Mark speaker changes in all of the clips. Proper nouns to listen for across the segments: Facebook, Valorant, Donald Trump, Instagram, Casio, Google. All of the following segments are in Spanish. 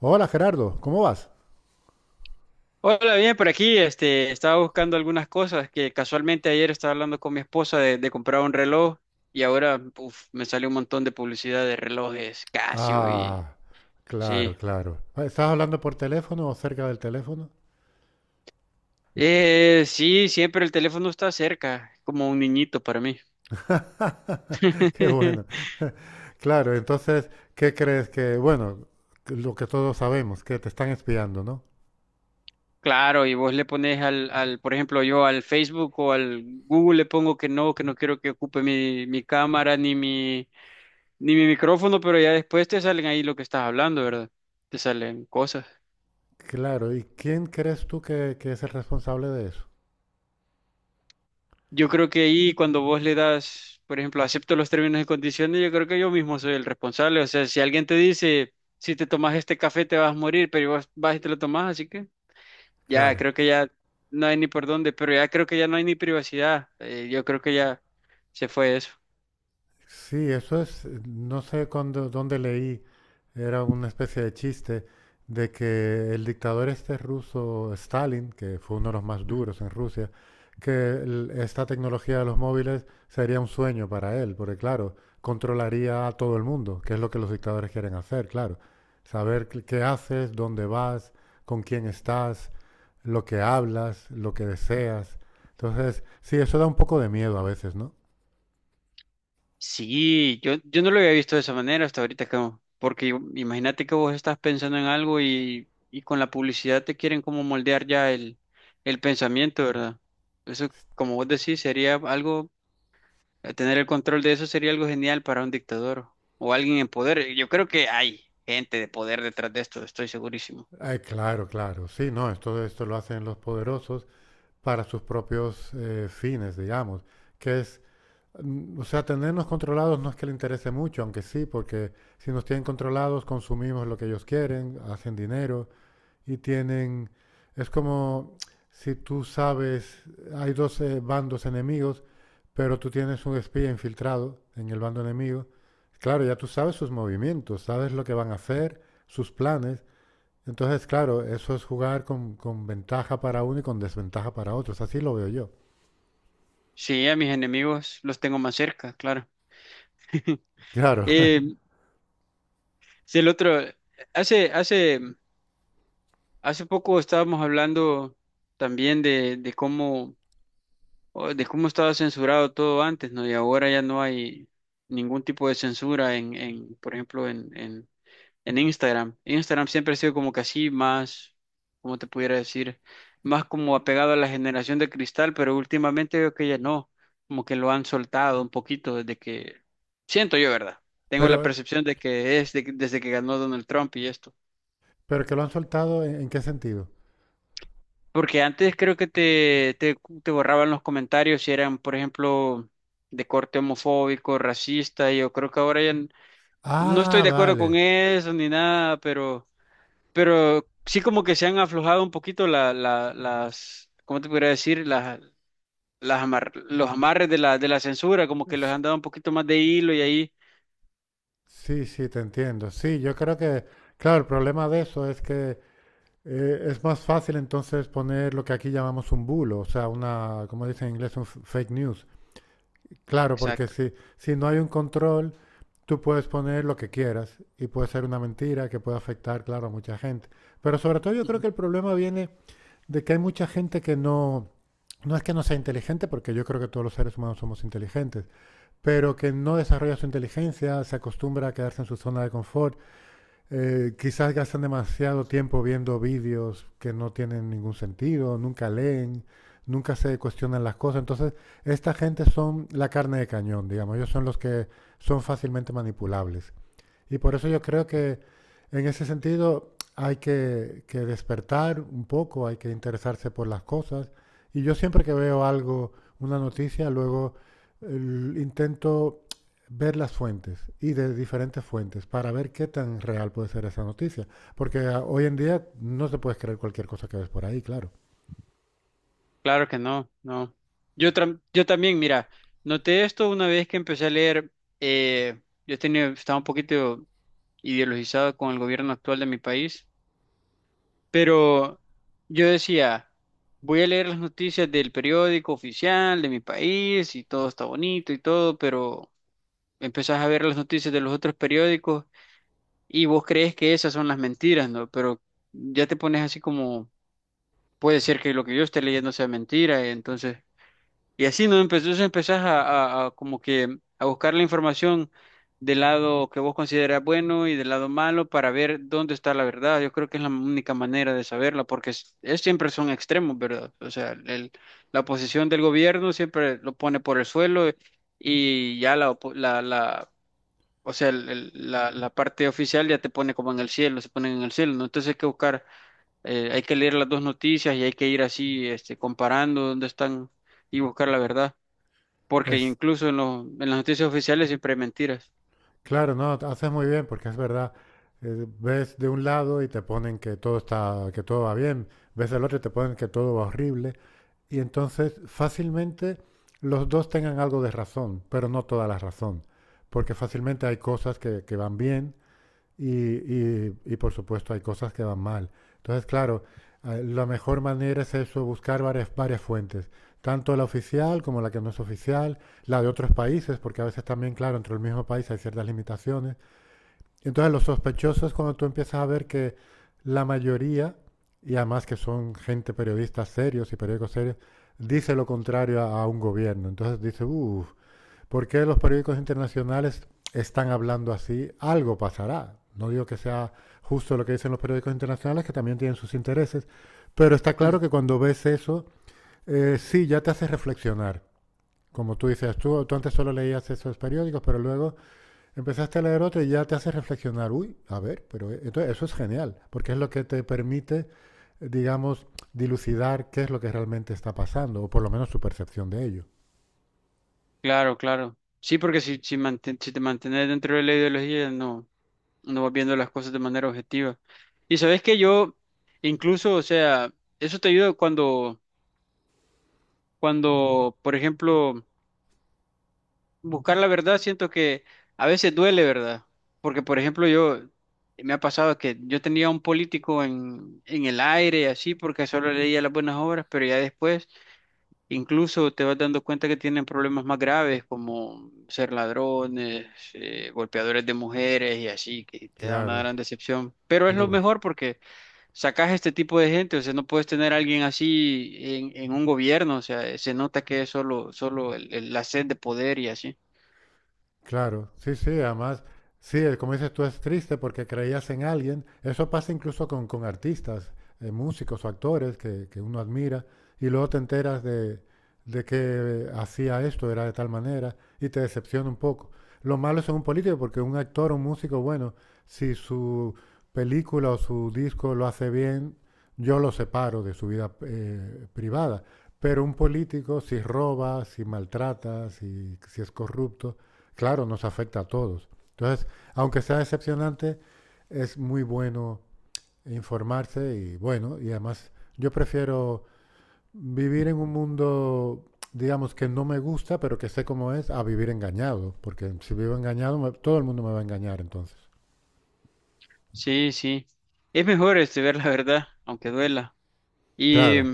Speaker 1: Hola Gerardo, ¿cómo vas?
Speaker 2: Hola, bien, por aquí, estaba buscando algunas cosas que casualmente ayer estaba hablando con mi esposa de comprar un reloj y ahora uf, me sale un montón de publicidad de relojes Casio y
Speaker 1: Ah, claro,
Speaker 2: sí.
Speaker 1: claro. Ah, ¿estás hablando por teléfono o cerca del teléfono?
Speaker 2: Sí, siempre el teléfono está cerca, como un niñito para mí.
Speaker 1: Qué bueno. Claro, entonces, ¿qué crees que, bueno, lo que todos sabemos, que te están espiando, ¿no?
Speaker 2: Claro, y vos le pones al, por ejemplo, yo al Facebook o al Google le pongo que no quiero que ocupe mi cámara ni mi micrófono, pero ya después te salen ahí lo que estás hablando, ¿verdad? Te salen cosas.
Speaker 1: Claro, ¿y quién crees tú que es el responsable de eso?
Speaker 2: Yo creo que ahí cuando vos le das, por ejemplo, acepto los términos y condiciones, yo creo que yo mismo soy el responsable. O sea, si alguien te dice, si te tomas este café te vas a morir, pero vos vas y te lo tomas, así que ya
Speaker 1: Claro.
Speaker 2: creo que ya no hay ni por dónde, pero ya creo que ya no hay ni privacidad. Yo creo que ya se fue eso.
Speaker 1: Sí, eso es, no sé cuándo- dónde leí. Era una especie de chiste de que el dictador este ruso, Stalin, que fue uno de los más duros en Rusia, esta tecnología de los móviles sería un sueño para él, porque claro, controlaría a todo el mundo, que es lo que los dictadores quieren hacer, claro. Saber qué haces, dónde vas, con quién estás, lo que hablas, lo que deseas. Entonces, sí, eso da un poco de miedo a veces, ¿no?
Speaker 2: Sí, yo no lo había visto de esa manera hasta ahorita, Camo, porque imagínate que vos estás pensando en algo y con la publicidad te quieren como moldear ya el pensamiento, ¿verdad? Eso, como vos decís, sería algo, tener el control de eso sería algo genial para un dictador o alguien en poder. Yo creo que hay gente de poder detrás de esto, estoy segurísimo.
Speaker 1: Ay, claro, claro. Sí, no, esto lo hacen los poderosos para sus propios fines, digamos, que es, o sea, tenernos controlados no es que le interese mucho, aunque sí, porque si nos tienen controlados consumimos lo que ellos quieren, hacen dinero y tienen, es como si tú sabes, hay dos bandos enemigos, pero tú tienes un espía infiltrado en el bando enemigo, claro, ya tú sabes sus movimientos, sabes lo que van a hacer, sus planes, entonces, claro, eso es jugar con ventaja para uno y con desventaja para otros. Así lo veo yo.
Speaker 2: Sí, a mis enemigos los tengo más cerca, claro.
Speaker 1: Claro.
Speaker 2: Eh, si el otro, hace, hace Hace poco estábamos hablando también de cómo, o de cómo estaba censurado todo antes, ¿no? Y ahora ya no hay ningún tipo de censura en, por ejemplo, en Instagram. Instagram siempre ha sido como que así más, ¿cómo te pudiera decir? Más como apegado a la generación de cristal, pero últimamente veo que ya no, como que lo han soltado un poquito desde que, siento yo, ¿verdad? Tengo la
Speaker 1: Pero,
Speaker 2: percepción de que es desde que ganó Donald Trump y esto.
Speaker 1: pero que lo han soltado, en qué sentido?
Speaker 2: Porque antes creo que te borraban los comentarios si eran, por ejemplo, de corte homofóbico, racista, y yo creo que ahora ya no estoy
Speaker 1: Ah,
Speaker 2: de acuerdo con
Speaker 1: vale.
Speaker 2: eso ni nada, pero sí como que se han aflojado un poquito las, ¿cómo te podría decir? Los amarres de la censura, como que les
Speaker 1: S-
Speaker 2: han dado un poquito más de hilo y ahí.
Speaker 1: Sí, sí, te entiendo. Sí, yo creo que, claro, el problema de eso es que es más fácil entonces poner lo que aquí llamamos un bulo, o sea, una, como dicen en inglés, un fake news. Claro, porque
Speaker 2: Exacto.
Speaker 1: si no hay un control... Tú puedes poner lo que quieras y puede ser una mentira que puede afectar, claro, a mucha gente. Pero sobre todo yo creo
Speaker 2: Ujú.
Speaker 1: que el problema viene de que hay mucha gente que no, no es que no sea inteligente, porque yo creo que todos los seres humanos somos inteligentes, pero que no desarrolla su inteligencia, se acostumbra a quedarse en su zona de confort, quizás gastan demasiado tiempo viendo vídeos que no tienen ningún sentido, nunca leen, nunca se cuestionan las cosas. Entonces, esta gente son la carne de cañón, digamos, ellos son los que son fácilmente manipulables. Y por eso yo creo que en ese sentido hay que despertar un poco, hay que interesarse por las cosas. Y yo siempre que veo algo, una noticia, luego intento ver las fuentes y de diferentes fuentes para ver qué tan real puede ser esa noticia. Porque hoy en día no se puede creer cualquier cosa que ves por ahí, claro.
Speaker 2: Claro que no, no. Yo también, mira, noté esto una vez que empecé a leer. Eh, yo tenía, estaba un poquito ideologizado con el gobierno actual de mi país, pero yo decía, voy a leer las noticias del periódico oficial de mi país y todo está bonito y todo, pero empezás a ver las noticias de los otros periódicos y vos crees que esas son las mentiras, ¿no? Pero ya te pones así como, puede ser que lo que yo esté leyendo sea mentira, entonces y así, ¿no? Entonces empezás a como que a buscar la información del lado que vos consideras bueno y del lado malo para ver dónde está la verdad. Yo creo que es la única manera de saberla, porque siempre son extremos, ¿verdad? O sea, la posición del gobierno siempre lo pone por el suelo y ya la, opo- la- o sea, la parte oficial ya te pone como en el cielo, se ponen en el cielo, ¿no? Entonces hay que buscar, hay que leer las dos noticias y hay que ir así, comparando dónde están y buscar la verdad porque
Speaker 1: Es
Speaker 2: incluso en las noticias oficiales siempre hay mentiras.
Speaker 1: Claro, no, haces muy bien porque es verdad. Ves de un lado y te ponen que todo está, que todo va bien. Ves del otro y te ponen que todo va horrible. Y entonces fácilmente los dos tengan algo de razón, pero no toda la razón. Porque fácilmente hay cosas que van bien y, por supuesto hay cosas que van mal. Entonces, claro, la mejor manera es eso, buscar varias fuentes, tanto la oficial como la que no es oficial, la de otros países, porque a veces también, claro, entre el mismo país hay ciertas limitaciones. Entonces, los sospechosos, cuando tú empiezas a ver que la mayoría, y además que son gente periodistas serios y periódicos serios, dice lo contrario a un gobierno. Entonces dice, uff, ¿por qué los periódicos internacionales están hablando así? Algo pasará. No digo que sea justo lo que dicen los periódicos internacionales, que también tienen sus intereses, pero está
Speaker 2: Mm,
Speaker 1: claro que cuando ves eso, sí, ya te hace reflexionar. Como tú dices, tú antes solo leías esos periódicos, pero luego empezaste a leer otro y ya te hace reflexionar. Uy, a ver, pero entonces eso es genial, porque es lo que te permite, digamos, dilucidar qué es lo que realmente está pasando, o por lo menos tu percepción de ello.
Speaker 2: Claro, claro. Sí, porque si te mantienes dentro de la ideología, no, no vas viendo las cosas de manera objetiva. Y sabes que yo, incluso, o sea, eso te ayuda cuando, cuando, por ejemplo, buscar la verdad, siento que a veces duele, ¿verdad? Porque, por ejemplo, yo, me ha pasado que yo tenía un político en el aire y así, porque solo leía las buenas obras, pero ya después incluso te vas dando cuenta que tienen problemas más graves como ser ladrones, golpeadores de mujeres y así, que te da una
Speaker 1: Claro, es-
Speaker 2: gran decepción. Pero es lo
Speaker 1: uf.
Speaker 2: mejor porque sacas este tipo de gente, o sea, no puedes tener a alguien así en un gobierno, o sea, se nota que es solo la sed de poder y así.
Speaker 1: Claro, sí, sí, además, sí, como dices tú, es triste porque creías en alguien. Eso pasa incluso con artistas, músicos o actores que uno admira y luego te enteras de que hacía esto, era de tal manera y te decepciona un poco. Lo malo es en un político porque un actor o un músico, bueno, si su película o su disco lo hace bien, yo lo separo de su vida privada. Pero un político, si roba, si maltrata, si es corrupto, claro, nos afecta a todos. Entonces, aunque sea decepcionante, es muy bueno informarse y bueno, y además yo prefiero vivir en un mundo, digamos, que no me gusta, pero que sé cómo es, a vivir engañado, porque si vivo engañado, todo el mundo me va a engañar entonces.
Speaker 2: Sí, sí. Es mejor ver la verdad, aunque duela.
Speaker 1: Claro,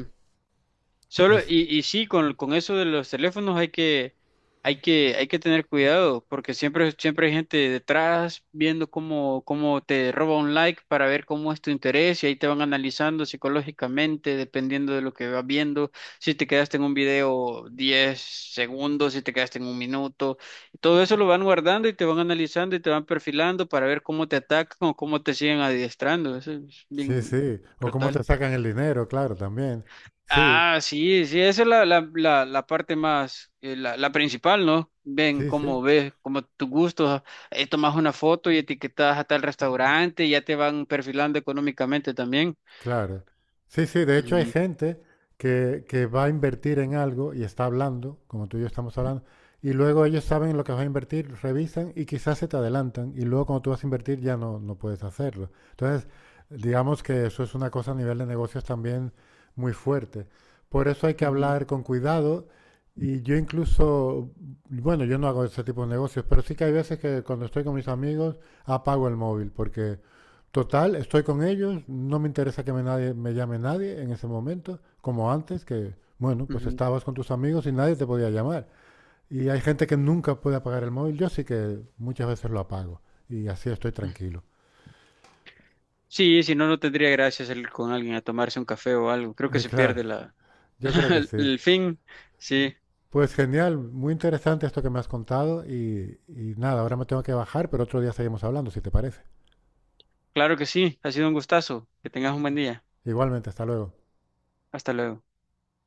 Speaker 2: Solo,
Speaker 1: es,
Speaker 2: y sí, con eso de los teléfonos hay que, hay que, hay que tener cuidado, porque siempre, siempre hay gente detrás viendo cómo te roba un like para ver cómo es tu interés, y ahí te van analizando psicológicamente, dependiendo de lo que vas viendo, si te quedaste en un video 10 segundos, si te quedaste en un minuto, y todo eso lo van guardando y te van analizando y te van perfilando para ver cómo te atacan o cómo te siguen adiestrando. Eso es
Speaker 1: sí,
Speaker 2: bien
Speaker 1: sí, o cómo te
Speaker 2: brutal.
Speaker 1: sacan el dinero, claro, también. Sí,
Speaker 2: Ah, sí, sí, esa es la parte más, la principal, ¿no? Ven
Speaker 1: sí, sí.
Speaker 2: cómo ves, cómo tus gustos, tomas una foto y etiquetas a tal restaurante, y ya te van perfilando económicamente también.
Speaker 1: Claro. Sí, sí, de hecho hay
Speaker 2: Ujú,
Speaker 1: gente que va a invertir en algo y está hablando, como tú y yo estamos hablando, y luego ellos saben lo que vas a invertir, revisan y quizás se te adelantan, y luego cuando tú vas a invertir ya no, no puedes hacerlo. Entonces, digamos que eso es una cosa a nivel de negocios también muy fuerte. Por eso hay que hablar con cuidado y yo incluso, bueno, yo no hago ese tipo de negocios, pero sí que hay veces que cuando estoy con mis amigos apago el móvil porque total, estoy con ellos, no me interesa que me, nadie, me llame nadie en ese momento, como antes, que, bueno, pues
Speaker 2: ujú,
Speaker 1: estabas con tus amigos y nadie te podía llamar. Y hay gente que nunca puede apagar el móvil, yo sí que muchas veces lo apago y así estoy
Speaker 2: ujú.
Speaker 1: tranquilo.
Speaker 2: Sí, si no, no tendría gracia salir con alguien a tomarse un café o algo. Creo que se
Speaker 1: Claro,
Speaker 2: pierde la,
Speaker 1: yo creo que sí.
Speaker 2: el fin. Sí,
Speaker 1: Pues genial, muy interesante esto que me has contado y nada, ahora me tengo que bajar, pero otro día seguimos hablando, si te parece.
Speaker 2: claro que sí, ha sido un gustazo. Que tengas un buen día.
Speaker 1: Igualmente, hasta luego.
Speaker 2: Hasta luego.